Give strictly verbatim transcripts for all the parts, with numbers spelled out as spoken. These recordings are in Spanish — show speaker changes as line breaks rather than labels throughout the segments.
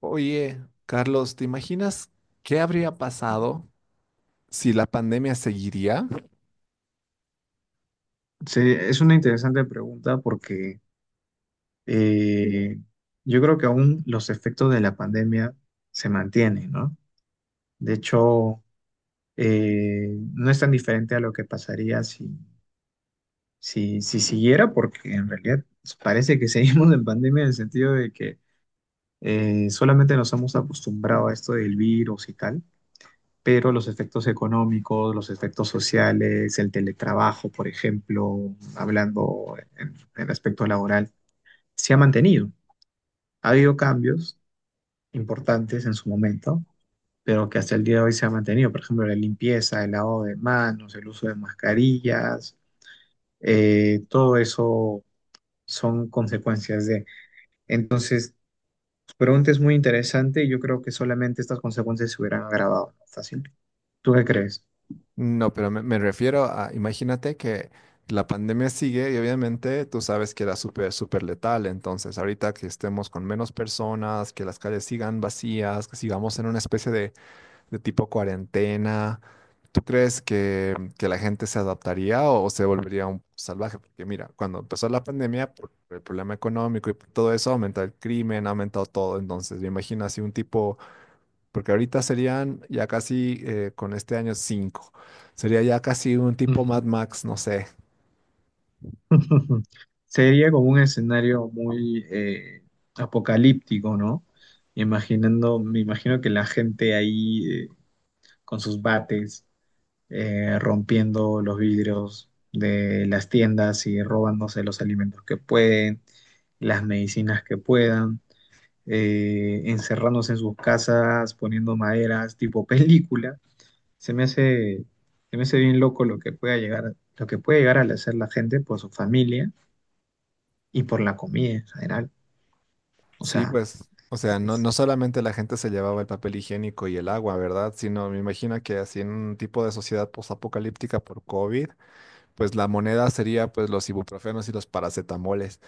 Oye, Carlos, ¿te imaginas qué habría pasado si la pandemia seguiría?
Sí, es una interesante pregunta porque eh, yo creo que aún los efectos de la pandemia se mantienen, ¿no? De hecho, eh, no es tan diferente a lo que pasaría si, si, si siguiera, porque en realidad parece que seguimos en pandemia en el sentido de que eh, solamente nos hemos acostumbrado a esto del virus y tal, pero los efectos económicos, los efectos sociales, el teletrabajo, por ejemplo, hablando en en aspecto laboral se ha mantenido. Ha habido cambios importantes en su momento, pero que hasta el día de hoy se ha mantenido. Por ejemplo, la limpieza, el lavado de manos, el uso de mascarillas, eh, todo eso son consecuencias de. Entonces, tu pregunta es muy interesante y yo creo que solamente estas consecuencias se hubieran agravado, ¿no? Fácil. ¿Tú qué crees?
No, pero me, me refiero a, imagínate que la pandemia sigue y obviamente tú sabes que era súper, súper letal. Entonces, ahorita que estemos con menos personas, que las calles sigan vacías, que sigamos en una especie de de tipo cuarentena. ¿Tú crees que, que la gente se adaptaría o, o se volvería un salvaje? Porque mira, cuando empezó la pandemia, por el problema económico y por todo eso, aumentó el crimen, ha aumentado todo. Entonces, me imagino así un tipo, porque ahorita serían ya casi, eh, con este año, cinco. Sería ya casi un tipo Mad Max, no sé.
Sería como un escenario muy eh, apocalíptico, ¿no? Imaginando, me imagino que la gente ahí eh, con sus bates eh, rompiendo los vidrios de las tiendas y robándose los alimentos que pueden, las medicinas que puedan, eh, encerrándose en sus casas, poniendo maderas, tipo película. Se me hace, se me hace bien loco lo que pueda llegar, lo que puede llegar a hacer la gente por su familia y por la comida en general. O
Sí,
sea,
pues, o sea, no,
es-
no solamente la gente se llevaba el papel higiénico y el agua, ¿verdad? Sino me imagino que así en un tipo de sociedad postapocalíptica por COVID pues la moneda sería pues los ibuprofenos y los paracetamoles.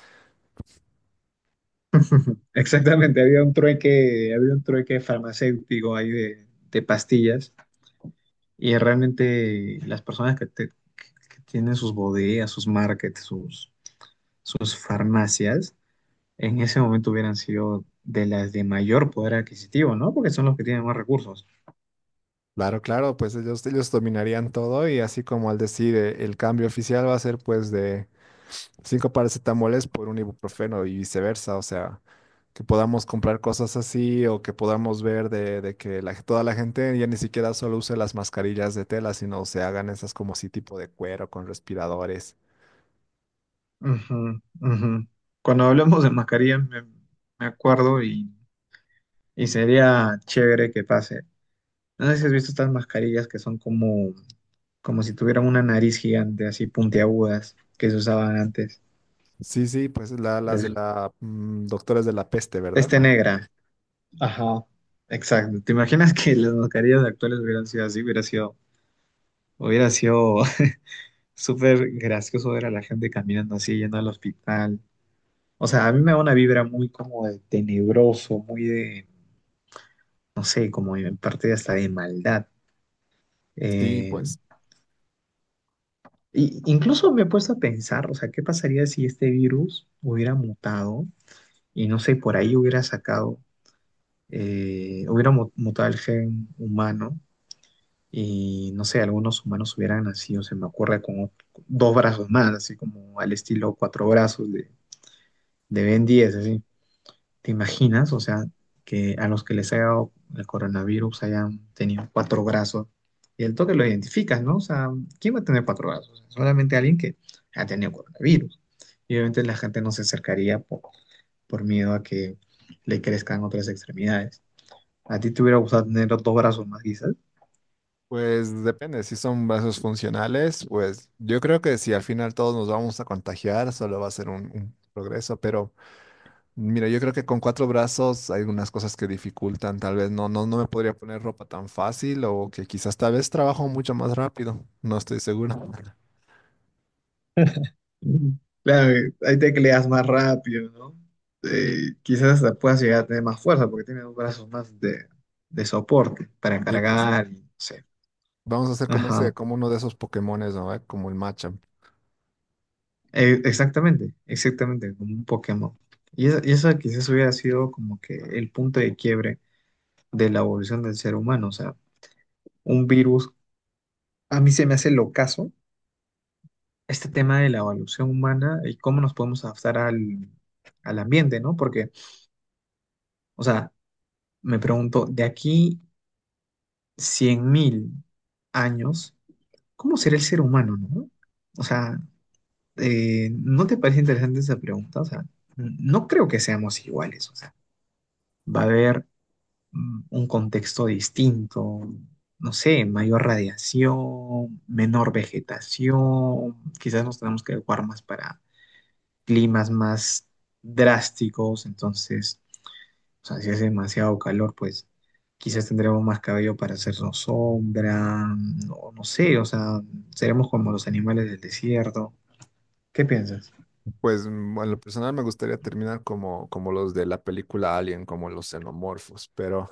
exactamente, había un trueque, había un trueque farmacéutico ahí de, de pastillas. Y realmente las personas que, te- que tienen sus bodegas, sus markets, sus, sus farmacias, en ese momento hubieran sido de las de mayor poder adquisitivo, ¿no? Porque son los que tienen más recursos.
Claro, claro, pues ellos, ellos dominarían todo y así como al decir eh, el cambio oficial va a ser pues de cinco paracetamoles por un ibuprofeno y viceversa, o sea, que podamos comprar cosas así o que podamos ver de, de que la- toda la gente ya ni siquiera solo use las mascarillas de tela, sino se hagan esas como así tipo de cuero con respiradores.
Ujú, ujú. Cuando hablamos de mascarillas, me, me acuerdo y, y sería chévere que pase. No sé si has visto estas mascarillas que son como, como si tuvieran una nariz gigante, así puntiagudas, que se usaban antes.
Sí, sí, pues la- las de
Las-
la mm, doctores de la peste, ¿verdad?
Este negra. Ajá, exacto. ¿Te imaginas que las mascarillas actuales hubieran sido así? Hubiera sido, hubiera sido súper gracioso ver a la gente caminando así, yendo al hospital. O sea, a mí me da una vibra muy como de tenebroso, muy de, no sé, como en parte hasta de maldad.
Sí,
Eh,
pues.
y incluso me he puesto a pensar, o sea, ¿qué pasaría si este virus hubiera mutado y no sé, por ahí hubiera sacado, eh, hubiera mu- mutado el gen humano? Y no sé, algunos humanos hubieran nacido, se me ocurre, con o- dos brazos más, así como al estilo cuatro brazos de, de Ben diez, así. ¿Te imaginas? O sea, que a los que les haya dado el coronavirus hayan tenido cuatro brazos y el toque lo identificas, ¿no? O sea, ¿quién va a tener cuatro brazos? Solamente alguien que ha tenido coronavirus. Y obviamente la gente no se acercaría por, por miedo a que le crezcan otras extremidades. ¿A ti te hubiera gustado tener dos brazos más, quizás?
Pues depende, si son vasos funcionales, pues yo creo que si al final todos nos vamos a contagiar, solo va a ser un, un progreso, pero mira, yo creo que con cuatro brazos hay algunas cosas que dificultan, tal vez no, no, no me podría poner ropa tan fácil o que quizás tal vez trabajo mucho más rápido, no estoy seguro.
Claro, ahí te cleas más rápido, ¿no? Eh, quizás hasta puedas llegar a tener más fuerza porque tienes dos brazos más de, de soporte para
Sí, pues
cargar y no sé.
vamos a hacer como ese,
Ajá,
como uno de esos Pokémones, ¿no? ¿Eh? Como el Machamp.
Eh, exactamente, exactamente, como un Pokémon. Y eso, y eso quizás hubiera sido como que el punto de quiebre de la evolución del ser humano. O sea, un virus, a mí se me hace locazo este tema de la evolución humana y cómo nos podemos adaptar al, al ambiente, ¿no? Porque, o sea, me pregunto, de aquí cien mil años, ¿cómo será el ser humano, no? O sea, eh, ¿no te parece interesante esa pregunta? O sea, n- no creo que seamos iguales, o sea, va a haber mm, un contexto distinto, no sé, mayor radiación, menor vegetación, quizás nos tenemos que adecuar más para climas más drásticos. Entonces, o sea, si hace demasiado calor, pues quizás tendremos más cabello para hacernos sombra, no, no sé, o sea, seremos como los animales del desierto. ¿Qué piensas?
Pues mm, en lo personal me gustaría terminar como, como los de la película Alien, como los xenomorfos, pero...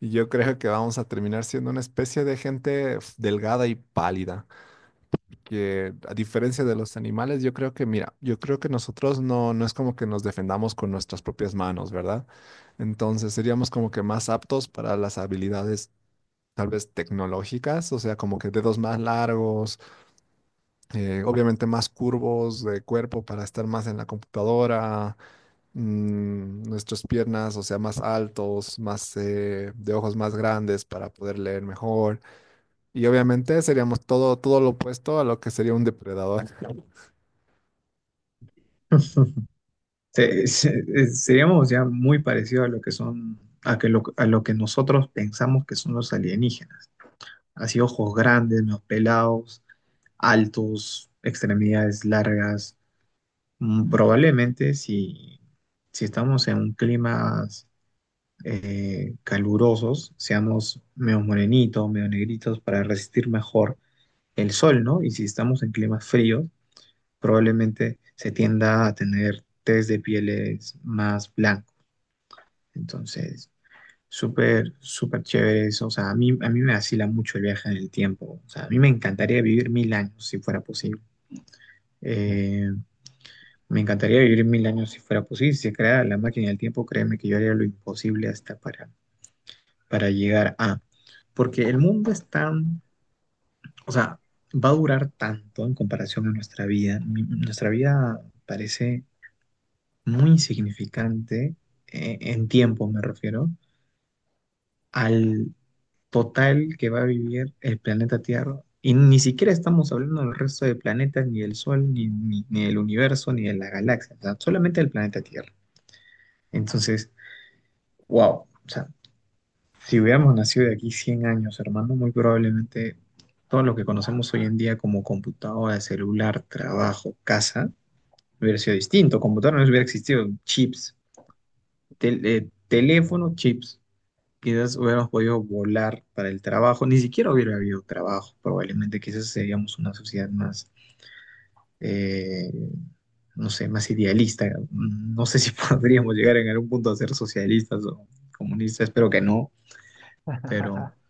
Y yo creo que vamos a terminar siendo una especie de gente f- delgada y pálida, que a diferencia de los animales, yo creo que, mira, yo creo que nosotros no, no es como que nos defendamos con nuestras propias manos, ¿verdad? Entonces seríamos como que más aptos para las habilidades tal vez tecnológicas, o sea, como que dedos más largos, eh, obviamente más curvos de cuerpo para estar más en la computadora, mm, nuestras piernas, o sea, más altos, más eh, de ojos más grandes para poder leer mejor. Y obviamente seríamos todo, todo lo opuesto a lo que sería un depredador.
Se- se- Seríamos ya muy parecidos a lo que son, a que lo, a lo que nosotros pensamos que son los alienígenas. Así ojos grandes, menos pelados, altos, extremidades largas. Mm, Probablemente si, si estamos en un clima eh, calurosos, seamos medio morenitos, medio negritos, para resistir mejor el sol, ¿no? Y si estamos en climas fríos, probablemente se tienda a tener test de pieles más blancos. Entonces, súper, súper chévere eso. O sea, a mí, a mí me vacila mucho el viaje en el tiempo. O sea, a mí me encantaría vivir mil años si fuera posible. Eh, me encantaría vivir mil años si fuera posible. Si se creara la máquina del tiempo, créeme que yo haría lo imposible hasta para, para llegar a. Porque el mundo es tan, o sea, va a durar tanto en comparación a nuestra vida. Mi- nuestra vida parece muy insignificante eh, en tiempo, me refiero, al total que va a vivir el planeta Tierra. Y ni siquiera estamos hablando del resto de planetas, ni del Sol, ni, ni, ni del universo, ni de la galaxia, o sea, solamente del planeta Tierra. Entonces, wow, o sea, si hubiéramos nacido de aquí cien años, hermano, muy probablemente todo lo que conocemos hoy en día como computadora, celular, trabajo, casa, hubiera sido distinto. Computadora no hubiera existido, chips, tel- eh, teléfono, chips. Quizás hubiéramos podido volar para el trabajo, ni siquiera hubiera habido trabajo, probablemente. Quizás seríamos una sociedad más, eh, no sé, más idealista. No sé si podríamos llegar en algún punto a ser socialistas o comunistas, espero que no, pero...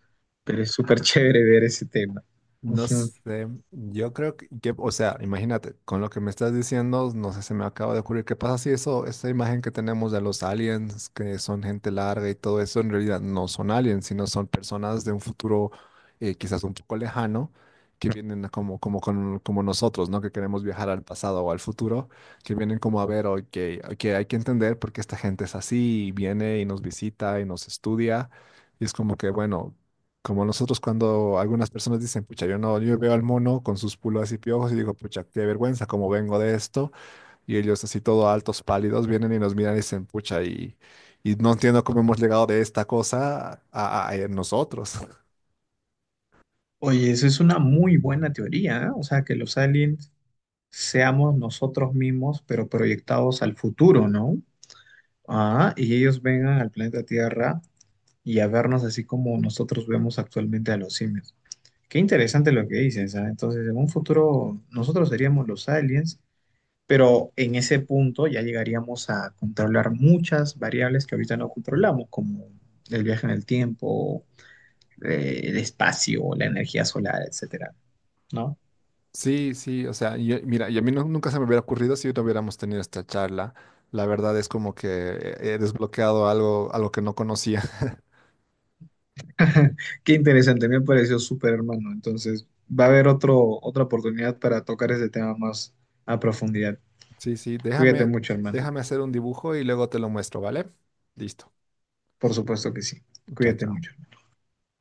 Pero es súper chévere ver ese tema.
No
Ujú.
sé, yo creo que, que, o sea, imagínate, con lo que me estás diciendo, no sé, se me acaba de ocurrir, ¿qué pasa si eso, esa imagen que tenemos de los aliens, que son gente larga y todo eso, en realidad no son aliens, sino son personas de un futuro eh, quizás un poco lejano, que vienen como, como, con- como nosotros, ¿no? Que queremos viajar al pasado o al futuro, que vienen como a ver, ok, ok, hay que entender por qué esta gente es así, y viene y nos visita y nos estudia, y es como que, bueno. Como nosotros cuando algunas personas dicen, pucha, yo no, yo veo al mono con sus pulgas y piojos y digo, pucha, qué vergüenza, cómo vengo de esto. Y ellos así todo altos, pálidos, vienen y nos miran y dicen, pucha, y, y no entiendo cómo hemos llegado de esta cosa a, a- a nosotros.
Oye, esa es una muy buena teoría, ¿eh? O sea, que los aliens seamos nosotros mismos, pero proyectados al futuro, ¿no? Ah, y ellos vengan al planeta Tierra y a vernos así como nosotros vemos actualmente a los simios. Qué interesante lo que dices, ¿ah? Entonces, en un futuro nosotros seríamos los aliens, pero en ese punto ya llegaríamos a controlar muchas variables que ahorita no controlamos, como el viaje en el tiempo, eh, el espacio, la energía solar, etcétera, ¿no?
Sí, sí, o sea, yo- mira, y a mí nu- nunca se me hubiera ocurrido si no hubiéramos tenido esta charla. La verdad es como que he desbloqueado algo, algo que no conocía.
Qué interesante, me pareció súper hermano. Entonces, va a haber otro, otra oportunidad para tocar ese tema más a profundidad.
Sí, sí,
Cuídate
déjame,
mucho, hermano.
déjame hacer un dibujo y luego te lo muestro, ¿vale? Listo.
Por supuesto que sí.
Chao,
Cuídate
chao.
mucho.